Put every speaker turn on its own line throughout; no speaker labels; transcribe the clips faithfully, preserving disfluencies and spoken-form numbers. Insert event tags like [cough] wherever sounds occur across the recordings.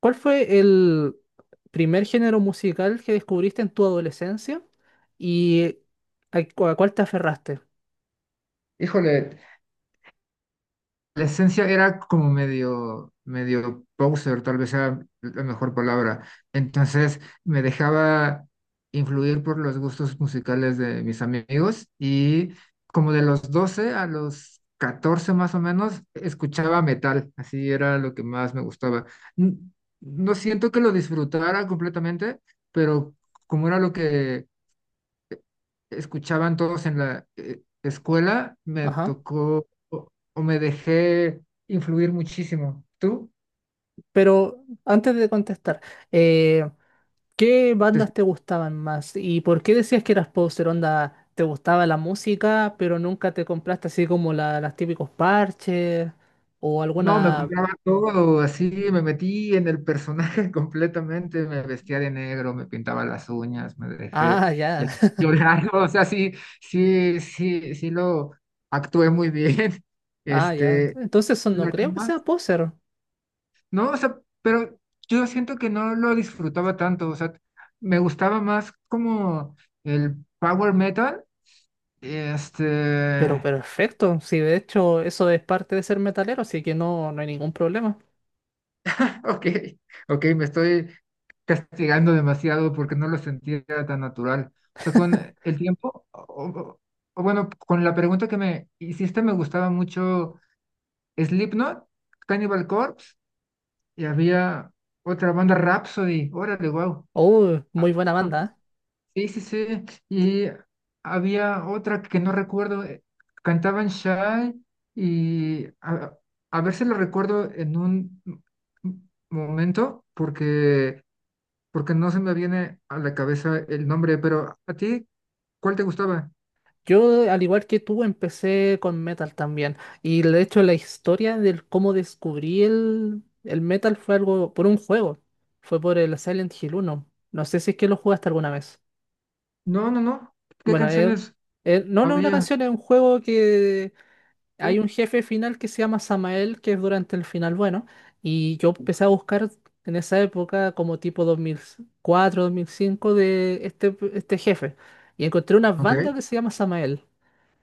¿Cuál fue el primer género musical que descubriste en tu adolescencia y a, cu- a cuál te aferraste?
Híjole, la esencia era como medio, medio poser, tal vez sea la mejor palabra. Entonces me dejaba influir por los gustos musicales de mis amigos y, como de los doce a los catorce más o menos, escuchaba metal, así era lo que más me gustaba. N- No siento que lo disfrutara completamente, pero como era lo que escuchaban todos en la eh, escuela, me
Ajá.
tocó, o, o me dejé influir muchísimo. ¿Tú?
Pero antes de contestar, eh, ¿qué
Te escu-
bandas te gustaban más y por qué decías que eras poser? Onda, ¿te gustaba la música, pero nunca te compraste así como la, las típicos parches o
No, me
alguna.
compraba todo, así me metí en el personaje [laughs] completamente, me vestía de negro, me pintaba las uñas, me dejé
Ah, ya.
eh, [laughs]
[laughs]
llorar, o sea, sí, sí, sí, sí lo actué muy bien. [laughs]
Ah, ya.
Este,
Entonces eso no
la que
creo que
más...
sea poser.
No, o sea, pero yo siento que no lo disfrutaba tanto, o sea, me gustaba más como el power metal,
Pero
este,
perfecto, sí, de hecho eso es parte de ser metalero, así que no, no hay ningún problema.
[laughs] ok, ok, me estoy castigando demasiado porque no lo sentía tan natural. O sea, con el tiempo, o, o- o bueno, con la pregunta que me hiciste, me gustaba mucho Slipknot, Cannibal Corpse, y había otra banda, Rhapsody, órale, wow.
Oh, muy buena banda, ¿eh?
Sí, sí, sí. Y había otra que no recuerdo. eh, Cantaban Shy y a, a ver si lo recuerdo en un m- m- momento, porque, porque no se me viene a la cabeza el nombre, pero ¿a ti cuál te gustaba?
Yo, al igual que tú, empecé con metal también. Y de hecho la historia del cómo descubrí el, el metal fue algo por un juego. Fue por el Silent Hill uno. No sé si es que lo jugaste alguna vez.
No, no, no. ¿Qué
Bueno, eh,
canciones
eh, no, no es una
había?
canción, es un juego que.
Ok.
Hay un jefe final que se llama Samael, que es durante el final bueno, y yo empecé a buscar en esa época como tipo dos dos mil cuatro dos mil cinco de este, este jefe, y encontré una
Ok.
banda que se llama Samael,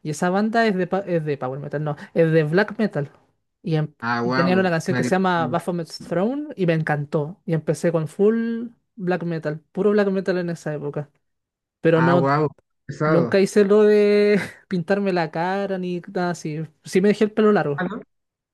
y esa banda es de, pa- es de Power Metal, no, es de Black Metal, y, em-
Ah,
y tenían una
wow.
canción que
Medio.
se llama Baphomet's Throne, y me encantó, y empecé con full Black Metal, puro Black Metal en esa época, pero
Ah,
no,
wow.
nunca
Pesado.
hice lo de [laughs] pintarme la cara ni nada así, sí me dejé el pelo
Ah,
largo.
¿no?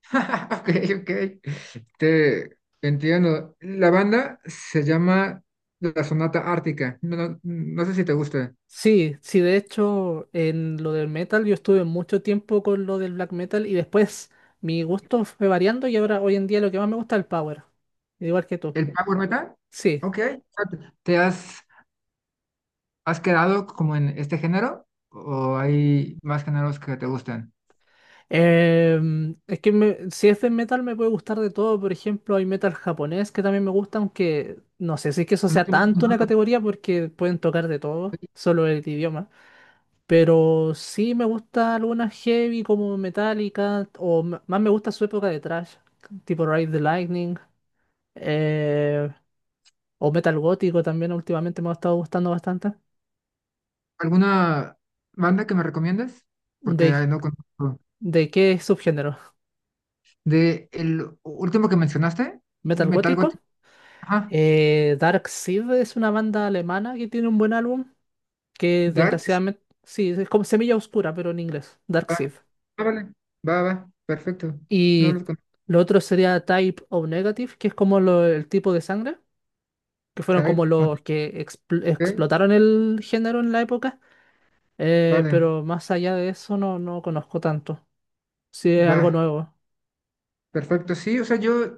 [laughs] Ok, ok. Te entiendo. La banda se llama La Sonata Ártica. No, no, no sé si te gusta.
Sí, sí, de hecho, en lo del metal yo estuve mucho tiempo con lo del black metal y después mi gusto fue variando y ahora hoy en día lo que más me gusta es el power, igual que tú.
¿El power metal?
Sí,
Ok. ¿Te has, has quedado como en este género? ¿O hay más géneros que te gustan?
Em, es que me- si es de metal me puede gustar de todo, por ejemplo, hay metal japonés que también me gusta, aunque no sé si es que eso
No
sea
conozco
tanto una
nada.
categoría porque pueden tocar de todo, solo el idioma. Pero sí me gusta algunas heavy como Metallica o m- más me gusta su época de thrash, tipo Ride the Lightning. eh, o metal gótico también últimamente me ha estado gustando bastante.
¿Alguna banda que me recomiendes? Porque
¿De,
ay, no conozco.
de qué subgénero?
De el último que mencionaste,
¿Metal
Metal
gótico?
Gothic. Ajá.
Eh, Dark Seed es una banda alemana que tiene un buen álbum, que
Dart. Sí,
desgraciadamente, sí, es como Semilla Oscura, pero en inglés, Dark
va.
Seed.
Ah, vale. Va, va. Perfecto. No
Y
los conozco.
lo otro sería Type O Negative, que es como lo- el tipo de sangre, que fueron como
Type,
los que expl-
ok.
explotaron el género en la época, eh,
Vale,
pero más allá de eso no, no conozco tanto. Si es algo
va,
nuevo.
perfecto. Sí, o sea, yo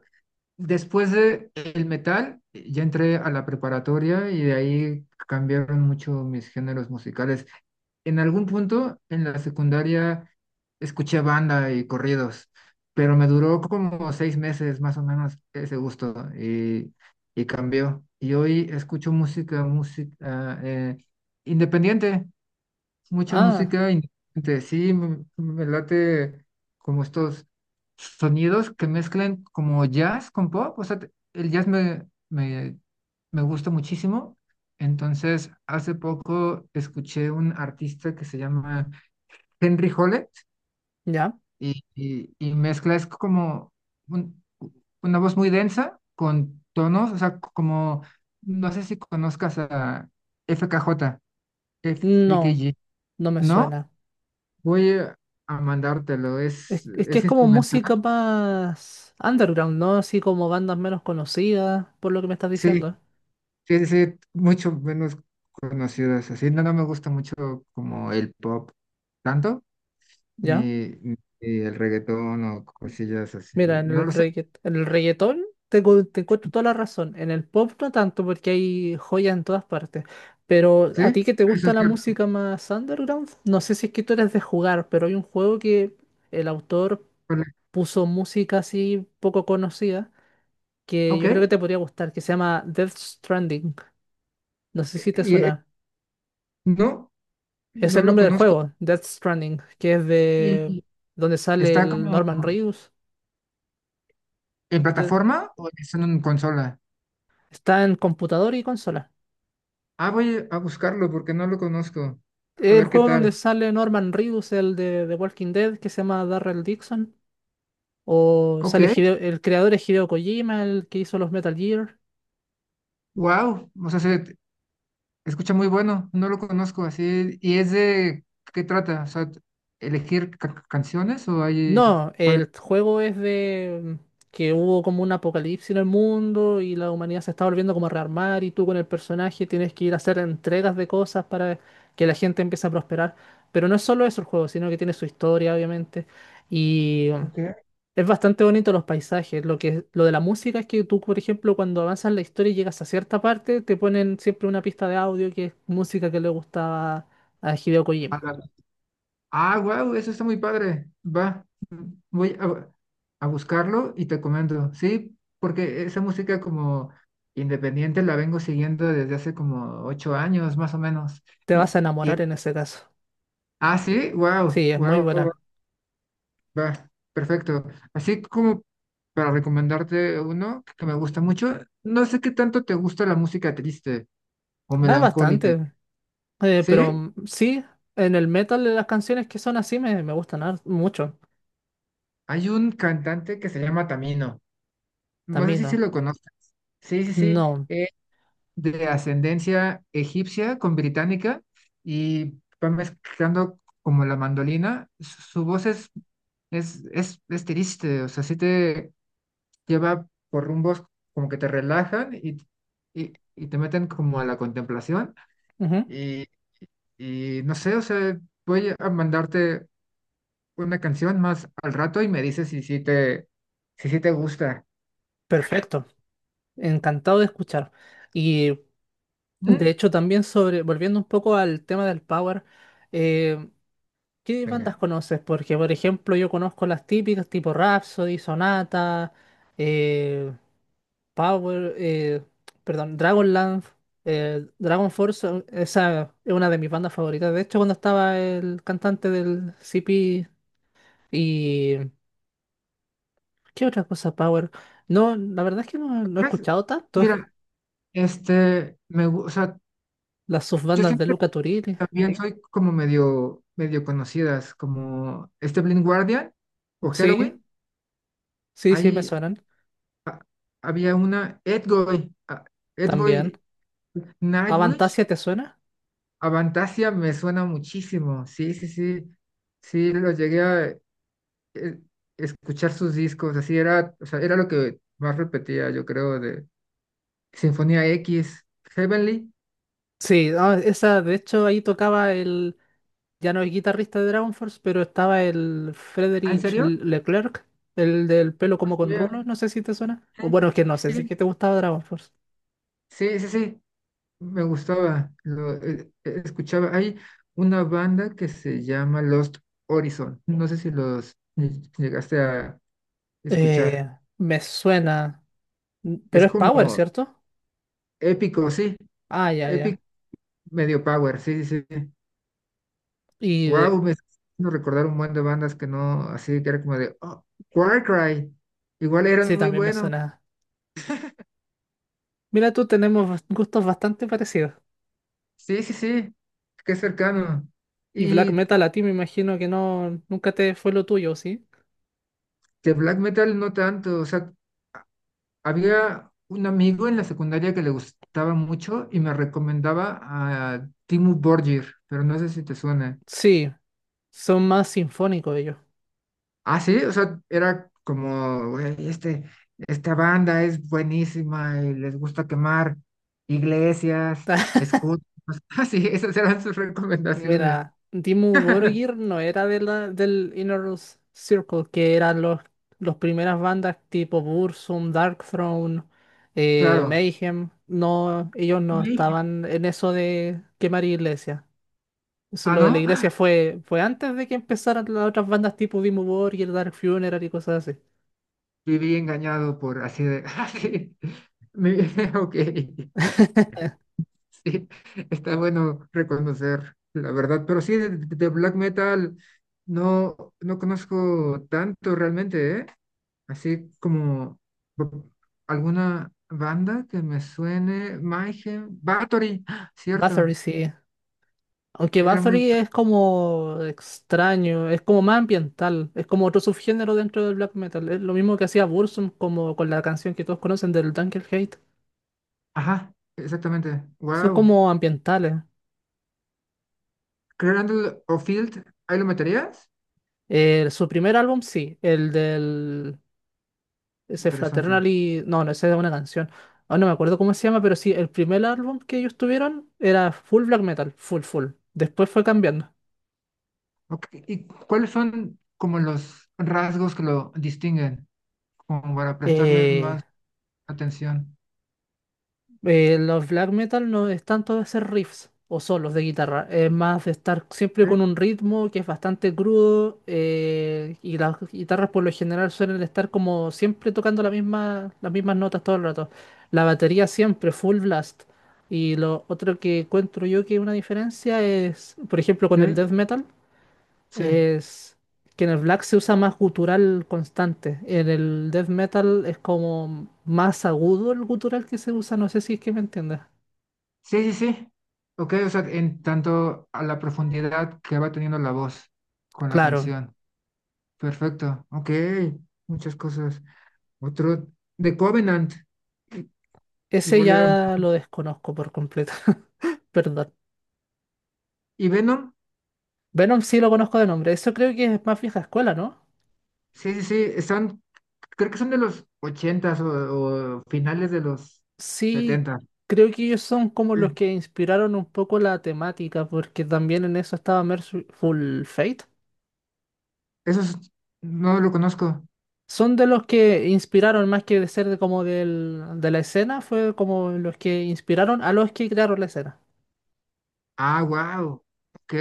después de el metal, eh, ya entré a la preparatoria y de ahí cambiaron mucho mis géneros musicales. En algún punto en la secundaria escuché banda y corridos, pero me duró como seis meses más o menos ese gusto y, y cambió. Y hoy escucho música, música, eh, independiente. Mucha
Ah.
música independiente. Sí, me, me late como estos sonidos que mezclan como jazz con pop. O sea, te- el jazz me, me, me gusta muchísimo. Entonces, hace poco escuché un artista que se llama Henry Hollett
¿Ya?
y, y, y mezcla, es como un- una voz muy densa con tonos, o sea, como, no sé si conozcas a F K J,
No,
F K G.
no me
¿No?
suena.
Voy a a mandártelo,
Es,
es,
es que
es
es como
instrumental.
música más underground, ¿no? Así como bandas menos conocidas, por lo que me estás
Sí,
diciendo.
sí, sí, mucho menos conocidas. Así no, no me gusta mucho como el pop, tanto,
¿Ya?
ni, ni el reggaetón o cosillas así.
Mira, en
No
el
lo sé,
reggaet- en el reggaetón te, cu- te encuentro toda la razón. En el pop no tanto, porque hay joyas en todas partes. Pero
sí,
a ti que te
eso
gusta
es
la
cierto.
música más underground, no sé si es que tú eres de jugar, pero hay un juego que el autor
Vale.
puso música así poco conocida, que
Ok,
yo creo que te podría gustar, que se llama Death Stranding. No sé si te
y, eh,
suena.
no,
Es
no
el
lo
nombre del
conozco.
juego, Death Stranding, que es de
¿Y
donde sale
está
el
como
Norman Reedus.
en
el de-
plataforma o es en consola?
Está en computador y consola.
Ah, voy a buscarlo porque no lo conozco. A
El
ver qué
juego
tal.
donde sale Norman Reedus, el de The Walking Dead, que se llama Darrell Dixon. O
Ok,
sale Hideo- el creador es Hideo Kojima, el que hizo los Metal Gear.
wow, o sea, se escucha muy bueno, no lo conozco así. ¿Y es de qué trata? O sea, ¿elegir ca- canciones o hay
No,
cuál?
el juego es de mm, que hubo como un apocalipsis en el mundo y la humanidad se está volviendo como a rearmar y tú con el personaje tienes que ir a hacer entregas de cosas para que la gente empiece a prosperar. Pero no es solo eso el juego, sino que tiene su historia, obviamente. Y um,
Ok.
es bastante bonito los paisajes. Lo que, lo de la música es que tú, por ejemplo, cuando avanzas la historia y llegas a cierta parte, te ponen siempre una pista de audio que es música que le gustaba a Hideo Kojima.
Ah, wow, eso está muy padre. Va, voy a, a buscarlo y te comento. Sí, porque esa música como independiente la vengo siguiendo desde hace como ocho años, más o menos.
Te vas
Y,
a enamorar
y-
en ese caso.
ah, sí, wow,
Sí, es muy
wow.
buena.
Va, perfecto. Así como para recomendarte uno que me gusta mucho, no sé qué tanto te gusta la música triste o
Ah,
melancólica.
bastante. Eh, pero
¿Sí?
mm, sí, en el metal las canciones que son así me, me gustan har- mucho.
Hay un cantante que se llama Tamino. No sé
También
si se
no.
lo conoces. Sí, sí, sí.
No.
Es de ascendencia egipcia con británica y va mezclando como la mandolina. Su su voz es, es, es, es triste, o sea, sí te... lleva por rumbos como que te relajan y, y, y, te meten como a la contemplación
Ujú.
y, y no sé, o sea, voy a mandarte una canción más al rato y me dices si sí te, si sí te gusta.
Perfecto. Encantado de escuchar. Y de
¿Mm?
hecho también sobre, volviendo un poco al tema del power, eh, ¿qué bandas
Venga.
conoces? Porque por ejemplo yo conozco las típicas tipo Rhapsody, Sonata, eh, Power, eh, perdón, Dragonlance, eh, Dragon Force, son- esa es una de mis bandas favoritas. De hecho, cuando estaba el cantante del C P y. ¿Qué otra cosa, Power? No, la verdad es que no, no he
Pues,
escuchado tanto.
mira,
[laughs]
este, me, gu- o sea,
Las
yo
subbandas de
siempre
Luca Turilli.
también soy como medio, medio conocidas, como este Blind Guardian o
Sí,
Halloween.
sí, sí, me
Ahí
suenan
a- había una Edgoy, ah,
también.
Edgoy, Nightwish,
¿Avantasia te suena?
Avantasia me suena muchísimo. Sí, sí, sí. Sí, lo llegué a eh, escuchar sus discos. Así era, o sea, era lo que más repetía, yo creo, de Sinfonía X, Heavenly.
Sí, ah, esa, de hecho, ahí tocaba el ya no es guitarrista de Dragon Force, pero estaba el
¿Ah, en
Frédéric
serio?
Le- Leclerc, el del pelo como con
Yeah.
rulos, no sé si te suena.
Sí,
O bueno, es que no sé si es
sí,
que te gustaba Dragon Force.
sí, sí, sí, me gustaba. Lo eh, eh, escuchaba. Hay una banda que se llama Lost Horizon. No sé si los llegaste a
Eh,
escuchar.
Me suena, mm,
Es
pero es Power,
como
¿cierto?
épico, sí.
Ah, ya, ya.
Medio power, sí, sí, sí.
Y de-
Wow, me está haciendo recordar un buen de bandas que no, así que era como de, oh, Warcry, igual eran
sí,
muy
también me
buenos.
suena. Mira, tú tenemos bas- gustos bastante parecidos.
Sí, sí, sí, qué cercano.
Y black
Y
metal a ti me imagino que no, nunca te fue lo tuyo, ¿sí?
de black metal no tanto, o sea, había un amigo en la secundaria que le gustaba mucho y me recomendaba a Dimmu Borgir, pero no sé si te suena.
Sí, son más sinfónicos ellos.
Ah, sí, o sea, era como, "Güey, este, esta banda es buenísima y les gusta quemar iglesias,
[laughs]
escudos". [laughs] Ah, sí, esas eran sus recomendaciones.
Mira, Dimmu Borgir no era de la, del Inner Circle, que eran los, los primeras bandas tipo Burzum, Darkthrone, eh,
Claro.
Mayhem. No, ellos
Y
no
le dije,
estaban en eso de quemar iglesias. Eso,
ah,
lo de la
no,
iglesia fue, fue antes de que empezaran las otras bandas tipo Dimmu Borgir, Dark Funeral y cosas así.
viví engañado, por así de, [laughs] ah, sí, me- [laughs] ok, sí, está bueno reconocer la verdad, pero sí, de, de, black metal no, no conozco tanto realmente, ¿eh? Así como bu- alguna banda que me suene, Mayhem, Bathory, ¡ah!, cierto,
Bathory sí. Aunque
era muy,
Bathory es como extraño, es como más ambiental, es como otro subgénero dentro del black metal. Es lo mismo que hacía Burzum como con la canción que todos conocen del Hate.
ajá, exactamente,
Son
wow,
como ambientales.
Cradle of Field, ¿ahí lo meterías?
Eh, su primer álbum, sí, el del. Ese
Interesante.
Fraternally. No, no, esa es una canción. Ahora no me acuerdo cómo se llama, pero sí, el primer álbum que ellos tuvieron era full black metal, full, full. Después fue cambiando.
Ok, ¿y cuáles son como los rasgos que lo distinguen, como para prestarle
Eh,
más atención?
Eh, los black metal no es tanto de hacer riffs o solos de guitarra, es más de estar siempre
Ok,
con un ritmo que es bastante crudo eh, y las guitarras por lo general suelen estar como siempre tocando la misma, las mismas notas todo el rato. La batería siempre full blast. Y lo otro que encuentro yo que es una diferencia es, por ejemplo, con el
ok,
death metal.
sí,
Es que en el black se usa más gutural constante. En el death metal es como más agudo el gutural que se usa. No sé si es que me entiendes.
sí, sí, sí. Ok, o sea, en tanto a la profundidad que va teniendo la voz con la
Claro,
canción. Perfecto, ok, muchas cosas. Otro, The Covenant, i-
ese
igual era.
ya lo desconozco por completo. [laughs] Perdón.
Y Venom,
Venom sí lo conozco de nombre. Eso creo que es más vieja escuela, ¿no?
sí, sí, sí, están, creo que son de los ochentas o, o finales de los
Sí,
setenta.
creo que ellos son como
Sí.
los que inspiraron un poco la temática, porque también en eso estaba Merciful Fate.
Eso no lo conozco.
Son de los que inspiraron más que de ser de como del, de la escena, fue como los que inspiraron a los que crearon la escena.
Ah, wow, ok.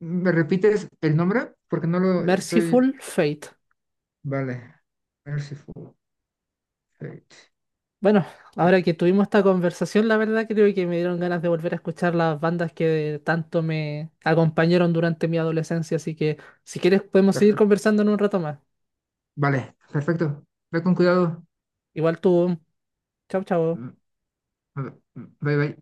¿Me repites el nombre? Porque no lo estoy.
Merciful Fate.
Vale, Merciful Fate.
Bueno,
Eh, eh,
ahora que tuvimos esta conversación, la verdad creo que me dieron ganas de volver a escuchar las bandas que tanto me acompañaron durante mi adolescencia, así que si quieres podemos seguir
Perfecto.
conversando en un rato más.
Vale, perfecto. Ve con cuidado.
Igual tú. Chao, chao.
Mm, mm. Bye, bye.